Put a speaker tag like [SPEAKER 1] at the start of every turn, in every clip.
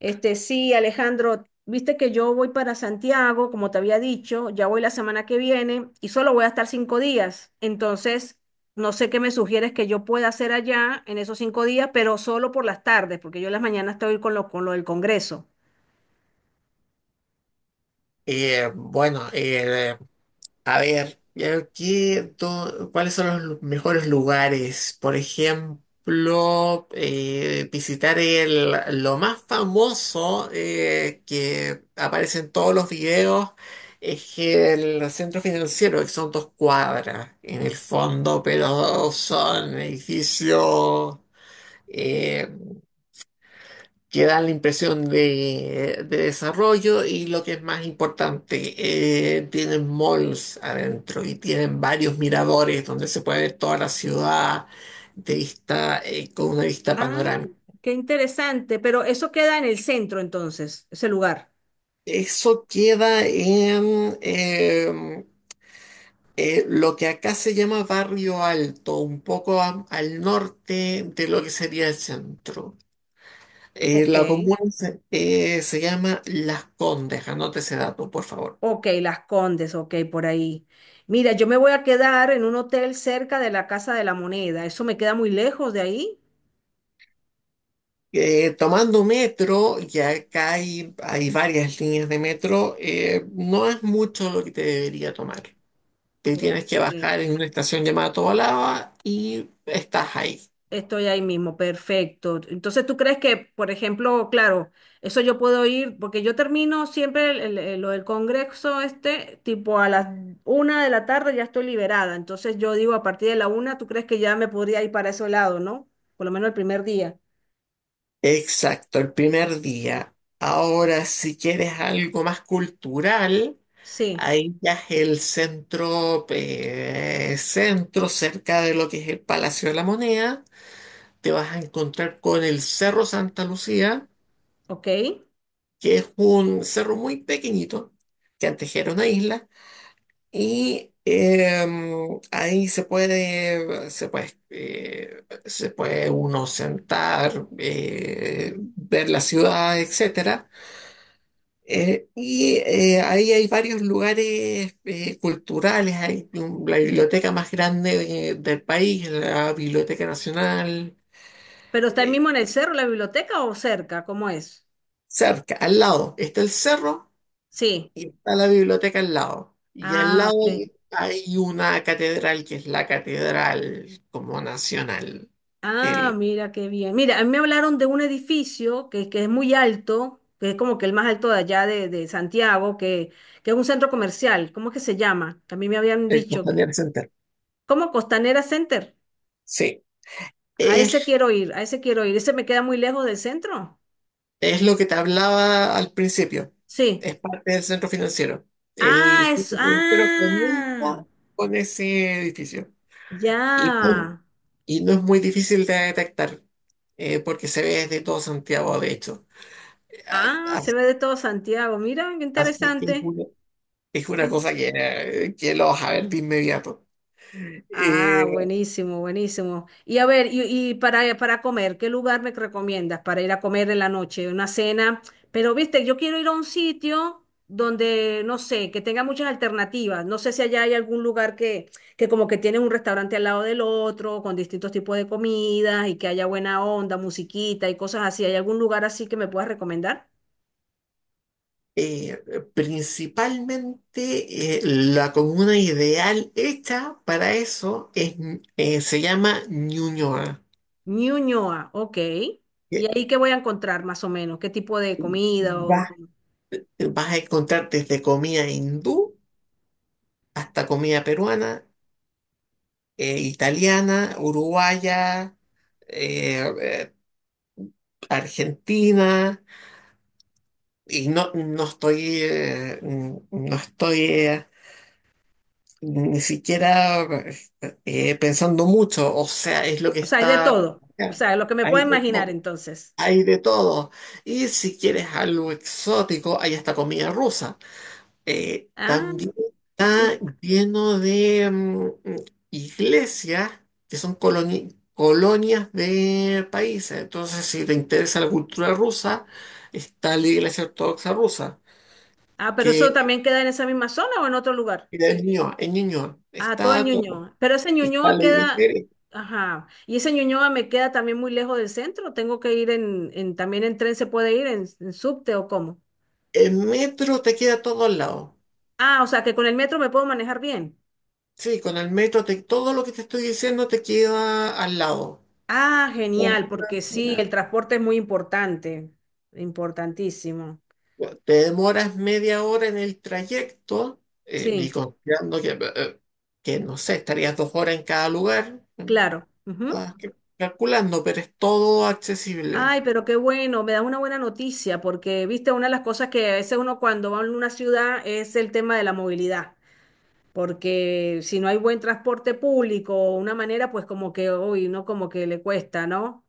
[SPEAKER 1] Sí, Alejandro, viste que yo voy para Santiago, como te había dicho, ya voy la semana que viene y solo voy a estar 5 días. Entonces, no sé qué me sugieres que yo pueda hacer allá en esos 5 días, pero solo por las tardes, porque yo en las mañanas estoy con lo del Congreso.
[SPEAKER 2] Bueno, a ver, ¿qué, cuáles son los mejores lugares? Por ejemplo, visitar el, lo más famoso que aparece en todos los videos es el centro financiero, que son dos cuadras en el fondo, pero son edificios eh, que dan la impresión de desarrollo, y lo que es más importante, tienen malls adentro y tienen varios miradores donde se puede ver toda la ciudad de vista, con una vista
[SPEAKER 1] Ah,
[SPEAKER 2] panorámica.
[SPEAKER 1] qué interesante, pero eso queda en el centro entonces, ese lugar.
[SPEAKER 2] Eso queda en lo que acá se llama Barrio Alto, un poco al norte de lo que sería el centro.
[SPEAKER 1] Ok,
[SPEAKER 2] La comuna se, se llama Las Condes, anótese ese dato, por favor.
[SPEAKER 1] ok, Las Condes, ok, por ahí. Mira, yo me voy a quedar en un hotel cerca de la Casa de la Moneda, eso me queda muy lejos de ahí.
[SPEAKER 2] Tomando metro, y acá hay varias líneas de metro, no es mucho lo que te debería tomar. Te
[SPEAKER 1] Ok.
[SPEAKER 2] tienes que bajar en una estación llamada Tobalaba y estás ahí.
[SPEAKER 1] Estoy ahí mismo, perfecto. Entonces, ¿tú crees que, por ejemplo, claro, eso yo puedo ir, porque yo termino siempre lo del congreso este, tipo a las 1 de la tarde ya estoy liberada. Entonces, yo digo, a partir de la una, ¿tú crees que ya me podría ir para ese lado, no? Por lo menos el primer día.
[SPEAKER 2] Exacto, el primer día. Ahora, si quieres algo más cultural,
[SPEAKER 1] Sí,
[SPEAKER 2] ahí ya es el centro, centro cerca de lo que es el Palacio de la Moneda. Te vas a encontrar con el Cerro Santa Lucía,
[SPEAKER 1] ok.
[SPEAKER 2] que es un cerro muy pequeñito, que antes era una isla, y ahí se puede uno sentar, ver la ciudad, etcétera. Ahí hay varios lugares culturales, hay la biblioteca más grande del país, la Biblioteca Nacional.
[SPEAKER 1] ¿Pero está ahí
[SPEAKER 2] eh,
[SPEAKER 1] mismo en el cerro, la biblioteca o cerca? ¿Cómo es?
[SPEAKER 2] Cerca, al lado, está el cerro.
[SPEAKER 1] Sí.
[SPEAKER 2] Y está la biblioteca al lado. Y al
[SPEAKER 1] Ah,
[SPEAKER 2] lado
[SPEAKER 1] ok.
[SPEAKER 2] hay, hay una catedral que es la catedral como nacional,
[SPEAKER 1] Ah,
[SPEAKER 2] el,
[SPEAKER 1] mira qué bien. Mira, a mí me hablaron de un edificio que es muy alto, que es como que el más alto de allá de Santiago, que es un centro comercial. ¿Cómo es que se llama? Que a mí me habían
[SPEAKER 2] el
[SPEAKER 1] dicho que.
[SPEAKER 2] Costanera Center.
[SPEAKER 1] ¿Cómo? Costanera Center.
[SPEAKER 2] Sí,
[SPEAKER 1] A ese
[SPEAKER 2] es,
[SPEAKER 1] quiero ir, a ese quiero ir. ¿Ese me queda muy lejos del centro?
[SPEAKER 2] es lo que te hablaba al principio.
[SPEAKER 1] Sí.
[SPEAKER 2] Es parte del centro financiero. El
[SPEAKER 1] Ah, es.
[SPEAKER 2] centro financiero
[SPEAKER 1] Ah,
[SPEAKER 2] comienza con ese edificio. Y, pum,
[SPEAKER 1] ya.
[SPEAKER 2] y no es muy difícil de detectar, porque se ve desde todo Santiago, de hecho. A-
[SPEAKER 1] Ah,
[SPEAKER 2] a-
[SPEAKER 1] se ve de todo Santiago. Mira, qué
[SPEAKER 2] Así que es
[SPEAKER 1] interesante.
[SPEAKER 2] una, es una cosa que lo vas a ver de inmediato.
[SPEAKER 1] Ah,
[SPEAKER 2] Eh,
[SPEAKER 1] buenísimo, buenísimo. Y a ver, y para comer, ¿qué lugar me recomiendas para ir a comer en la noche? Una cena. Pero, viste, yo quiero ir a un sitio donde, no sé, que tenga muchas alternativas. No sé si allá hay algún lugar que como que tiene un restaurante al lado del otro, con distintos tipos de comidas y que haya buena onda, musiquita y cosas así. ¿Hay algún lugar así que me puedas recomendar?
[SPEAKER 2] eh, Principalmente, la comuna ideal hecha para eso es, se llama Ñuñoa.
[SPEAKER 1] Ñuñoa, ok. ¿Y
[SPEAKER 2] Eh,
[SPEAKER 1] ahí qué voy a encontrar más o menos? ¿Qué tipo de comida o...?
[SPEAKER 2] Vas, vas a encontrar desde comida hindú hasta comida peruana, italiana, uruguaya, eh, eh, argentina. Y no, no estoy, no estoy, ni siquiera pensando mucho, o sea, es lo que
[SPEAKER 1] O sea, hay de
[SPEAKER 2] está
[SPEAKER 1] todo. O
[SPEAKER 2] acá.
[SPEAKER 1] sea, lo que me
[SPEAKER 2] Hay
[SPEAKER 1] puedo
[SPEAKER 2] de
[SPEAKER 1] imaginar
[SPEAKER 2] todo,
[SPEAKER 1] entonces.
[SPEAKER 2] hay de todo. Y si quieres algo exótico, hay hasta comida rusa.
[SPEAKER 1] Ah,
[SPEAKER 2] También está
[SPEAKER 1] sí.
[SPEAKER 2] lleno de iglesias que son colonias de países. Entonces, si te interesa la cultura rusa, está la iglesia ortodoxa rusa,
[SPEAKER 1] Ah, pero eso
[SPEAKER 2] que
[SPEAKER 1] también queda en esa misma zona o en otro lugar.
[SPEAKER 2] es Ñuñoa, en Ñuñoa.
[SPEAKER 1] Ah, todo en
[SPEAKER 2] Está todo.
[SPEAKER 1] Ñuñoa. Pero ese
[SPEAKER 2] Está
[SPEAKER 1] Ñuñoa
[SPEAKER 2] la
[SPEAKER 1] queda,
[SPEAKER 2] iglesia.
[SPEAKER 1] ajá. Y ese Ñuñoa me queda también muy lejos del centro. Tengo que ir también en tren se puede ir, en subte o cómo.
[SPEAKER 2] El metro te queda todo al lado.
[SPEAKER 1] Ah, o sea, que con el metro me puedo manejar bien.
[SPEAKER 2] Sí, con el metro todo lo que te estoy diciendo te queda al lado.
[SPEAKER 1] Ah,
[SPEAKER 2] Sí.
[SPEAKER 1] genial, porque sí, el transporte es muy importante, importantísimo.
[SPEAKER 2] Te demoras media hora en el trayecto, y
[SPEAKER 1] Sí,
[SPEAKER 2] considerando que, no sé, estarías dos horas en cada lugar,
[SPEAKER 1] claro. Ujú.
[SPEAKER 2] calculando, pero es todo accesible.
[SPEAKER 1] Ay, pero qué bueno, me da una buena noticia, porque viste, una de las cosas que a veces uno cuando va a una ciudad es el tema de la movilidad, porque si no hay buen transporte público o una manera, pues como que, uy, no, como que le cuesta, ¿no?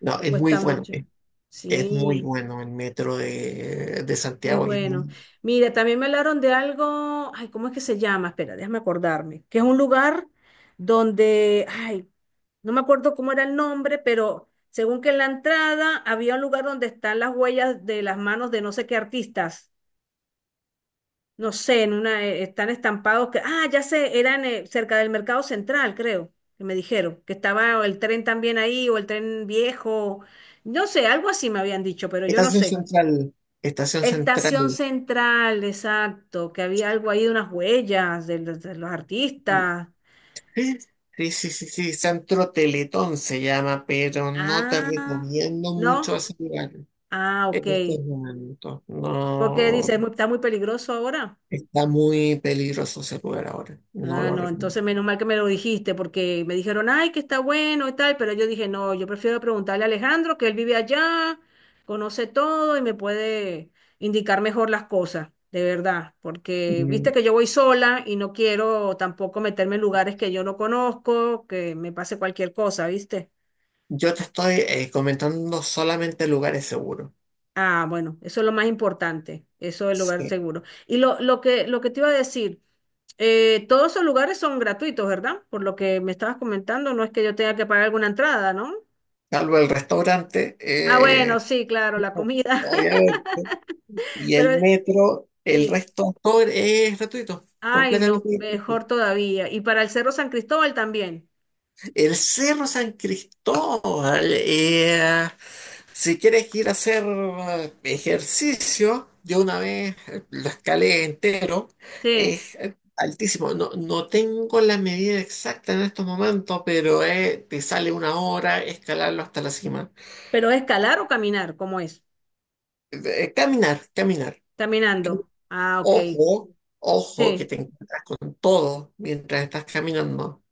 [SPEAKER 2] No,
[SPEAKER 1] Le cuesta mucho.
[SPEAKER 2] es muy
[SPEAKER 1] Sí.
[SPEAKER 2] bueno el metro de
[SPEAKER 1] Qué
[SPEAKER 2] Santiago, que es
[SPEAKER 1] bueno.
[SPEAKER 2] muy...
[SPEAKER 1] Mira, también me hablaron de algo, ay, ¿cómo es que se llama? Espera, déjame acordarme, que es un lugar donde, ay, no me acuerdo cómo era el nombre, pero según que en la entrada había un lugar donde están las huellas de las manos de no sé qué artistas, no sé, en una, están estampados que, ah, ya sé, eran cerca del Mercado Central, creo, que me dijeron, que estaba el tren también ahí o el tren viejo, no sé, algo así me habían dicho, pero yo no
[SPEAKER 2] Estación
[SPEAKER 1] sé.
[SPEAKER 2] Central, Estación
[SPEAKER 1] Estación
[SPEAKER 2] Central.
[SPEAKER 1] Central, exacto, que había algo ahí de unas huellas de los, artistas.
[SPEAKER 2] Sí, sí, sí, sí, sí, Centro Teletón se llama, pero no te
[SPEAKER 1] Ah,
[SPEAKER 2] recomiendo
[SPEAKER 1] ¿no?
[SPEAKER 2] mucho ese lugar
[SPEAKER 1] Ah, ok.
[SPEAKER 2] en estos momentos.
[SPEAKER 1] Porque
[SPEAKER 2] No,
[SPEAKER 1] dice, "Es muy- está muy peligroso ahora."
[SPEAKER 2] está muy peligroso ese lugar ahora, no
[SPEAKER 1] Ah,
[SPEAKER 2] lo
[SPEAKER 1] no,
[SPEAKER 2] recomiendo.
[SPEAKER 1] entonces menos mal que me lo dijiste, porque me dijeron, ay, que está bueno y tal, pero yo dije, no, yo prefiero preguntarle a Alejandro, que él vive allá, conoce todo y me puede indicar mejor las cosas, de verdad, porque viste
[SPEAKER 2] Mm,
[SPEAKER 1] que yo voy sola y no quiero tampoco meterme en lugares que yo no conozco, que me pase cualquier cosa, ¿viste?
[SPEAKER 2] yo te estoy comentando solamente lugares seguros.
[SPEAKER 1] Ah, bueno, eso es lo más importante, eso del lugar
[SPEAKER 2] Sí.
[SPEAKER 1] seguro. Y lo que te iba a decir, todos esos lugares son gratuitos, ¿verdad? Por lo que me estabas comentando, no es que yo tenga que pagar alguna entrada, ¿no?
[SPEAKER 2] Salvo el restaurante,
[SPEAKER 1] Ah, bueno, sí, claro, la comida.
[SPEAKER 2] obviamente, y
[SPEAKER 1] Pero
[SPEAKER 2] el metro, el
[SPEAKER 1] sí,
[SPEAKER 2] resto todo es gratuito,
[SPEAKER 1] ay,
[SPEAKER 2] completamente
[SPEAKER 1] no,
[SPEAKER 2] gratuito.
[SPEAKER 1] mejor todavía. Y para el Cerro San Cristóbal también.
[SPEAKER 2] El Cerro San Cristóbal, si quieres ir a hacer ejercicio, yo una vez lo escalé entero,
[SPEAKER 1] Sí,
[SPEAKER 2] es altísimo. No, no tengo la medida exacta en estos momentos, pero te sale una hora escalarlo hasta la cima.
[SPEAKER 1] pero escalar o caminar, ¿cómo es?
[SPEAKER 2] Caminar, caminar.
[SPEAKER 1] Caminando. Ah, ok.
[SPEAKER 2] Ojo, ojo, que
[SPEAKER 1] Sí,
[SPEAKER 2] te encuentran todo mientras estás caminando.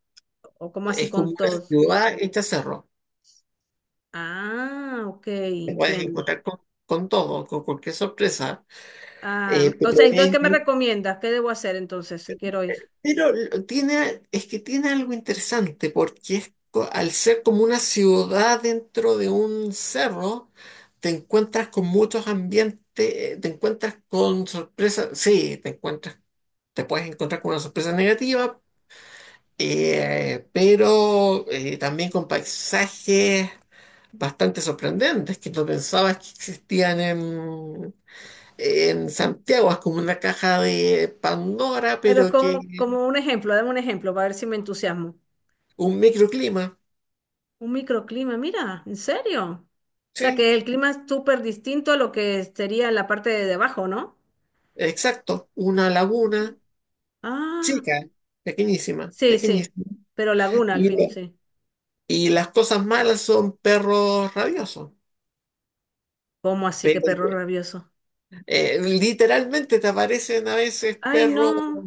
[SPEAKER 1] o como así
[SPEAKER 2] Es como
[SPEAKER 1] con
[SPEAKER 2] una
[SPEAKER 1] todos.
[SPEAKER 2] ciudad hecha cerro.
[SPEAKER 1] Ah, ok,
[SPEAKER 2] Te puedes
[SPEAKER 1] entiendo.
[SPEAKER 2] encontrar con todo, con cualquier sorpresa.
[SPEAKER 1] Ah,
[SPEAKER 2] Eh,
[SPEAKER 1] o
[SPEAKER 2] pero
[SPEAKER 1] sea, entonces, ¿qué
[SPEAKER 2] es,
[SPEAKER 1] me recomiendas? ¿Qué debo hacer entonces si quiero ir?
[SPEAKER 2] Pero tiene, es que tiene algo interesante porque es al ser como una ciudad dentro de un cerro, te encuentras con muchos ambientes, te encuentras con sorpresas, sí, te encuentras, te puedes encontrar con una sorpresa negativa, pero también con paisajes bastante sorprendentes que no pensabas que existían en Santiago. Es como una caja de Pandora,
[SPEAKER 1] Pero
[SPEAKER 2] pero
[SPEAKER 1] como,
[SPEAKER 2] que
[SPEAKER 1] como un ejemplo, dame un ejemplo para ver si me entusiasmo.
[SPEAKER 2] un microclima.
[SPEAKER 1] Un microclima, mira, ¿en serio? O sea,
[SPEAKER 2] Sí,
[SPEAKER 1] que el clima es súper distinto a lo que sería en la parte de debajo, ¿no?
[SPEAKER 2] exacto. Una laguna
[SPEAKER 1] Ah,
[SPEAKER 2] chica, pequeñísima,
[SPEAKER 1] sí, sí,
[SPEAKER 2] pequeñísima.
[SPEAKER 1] pero laguna al
[SPEAKER 2] Y,
[SPEAKER 1] fin, sí.
[SPEAKER 2] y las cosas malas son perros rabiosos.
[SPEAKER 1] ¿Cómo así que
[SPEAKER 2] Pero
[SPEAKER 1] perro rabioso?
[SPEAKER 2] literalmente te aparecen a veces
[SPEAKER 1] Ay,
[SPEAKER 2] perros
[SPEAKER 1] no,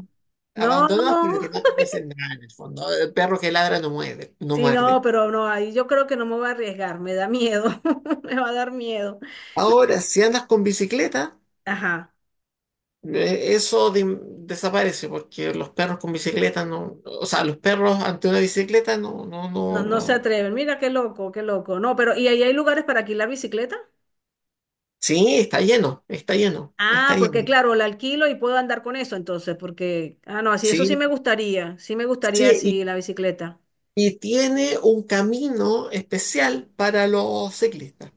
[SPEAKER 1] no,
[SPEAKER 2] abandonados, pero
[SPEAKER 1] no.
[SPEAKER 2] que no, no hacen nada en el fondo. El perro que ladra no muerde, no
[SPEAKER 1] Sí, no,
[SPEAKER 2] muerde.
[SPEAKER 1] pero no, ahí yo creo que no me voy a arriesgar, me da miedo, me va a dar miedo. Y-
[SPEAKER 2] Ahora, si andas con bicicleta,
[SPEAKER 1] Ajá.
[SPEAKER 2] eh, eso de- desaparece, porque los perros con bicicleta no, o sea, los perros ante una bicicleta no, no,
[SPEAKER 1] No,
[SPEAKER 2] no,
[SPEAKER 1] no se
[SPEAKER 2] no.
[SPEAKER 1] atreven. Mira qué loco, qué loco. No, pero ¿y ahí hay lugares para alquilar bicicleta?
[SPEAKER 2] Sí, está lleno, está lleno,
[SPEAKER 1] Ah,
[SPEAKER 2] está
[SPEAKER 1] porque
[SPEAKER 2] lleno.
[SPEAKER 1] claro, la alquilo y puedo andar con eso entonces, porque, ah, no, así, eso
[SPEAKER 2] Sí,
[SPEAKER 1] sí me gustaría
[SPEAKER 2] sí,
[SPEAKER 1] así la bicicleta.
[SPEAKER 2] y tiene un camino especial para los ciclistas.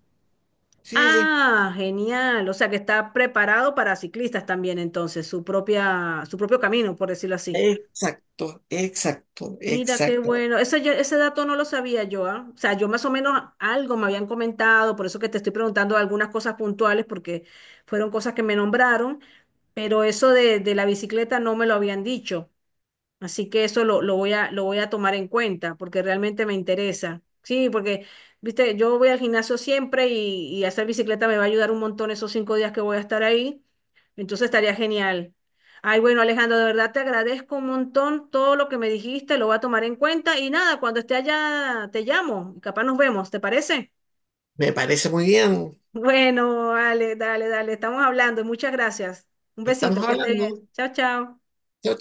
[SPEAKER 2] Sí, sí, sí.
[SPEAKER 1] Ah, genial. O sea que está preparado para ciclistas también entonces, su propia, su propio camino, por decirlo así.
[SPEAKER 2] Exacto, exacto,
[SPEAKER 1] Mira, qué
[SPEAKER 2] exacto.
[SPEAKER 1] bueno. Ese, ese dato no lo sabía yo, ¿ah? O sea, yo más o menos algo me habían comentado, por eso que te estoy preguntando algunas cosas puntuales, porque fueron cosas que me nombraron, pero eso de la bicicleta no me lo habían dicho. Así que eso lo voy a tomar en cuenta porque realmente me interesa. Sí, porque, viste, yo voy al gimnasio siempre y hacer bicicleta me va a ayudar un montón esos 5 días que voy a estar ahí. Entonces estaría genial. Ay, bueno, Alejandro, de verdad te agradezco un montón todo lo que me dijiste, lo voy a tomar en cuenta y nada, cuando esté allá te llamo y capaz nos vemos, ¿te parece?
[SPEAKER 2] Me parece muy bien.
[SPEAKER 1] Bueno, dale, dale, dale, estamos hablando. Muchas gracias. Un
[SPEAKER 2] Estamos
[SPEAKER 1] besito, que esté bien.
[SPEAKER 2] hablando.
[SPEAKER 1] Chao, chao.
[SPEAKER 2] Chao,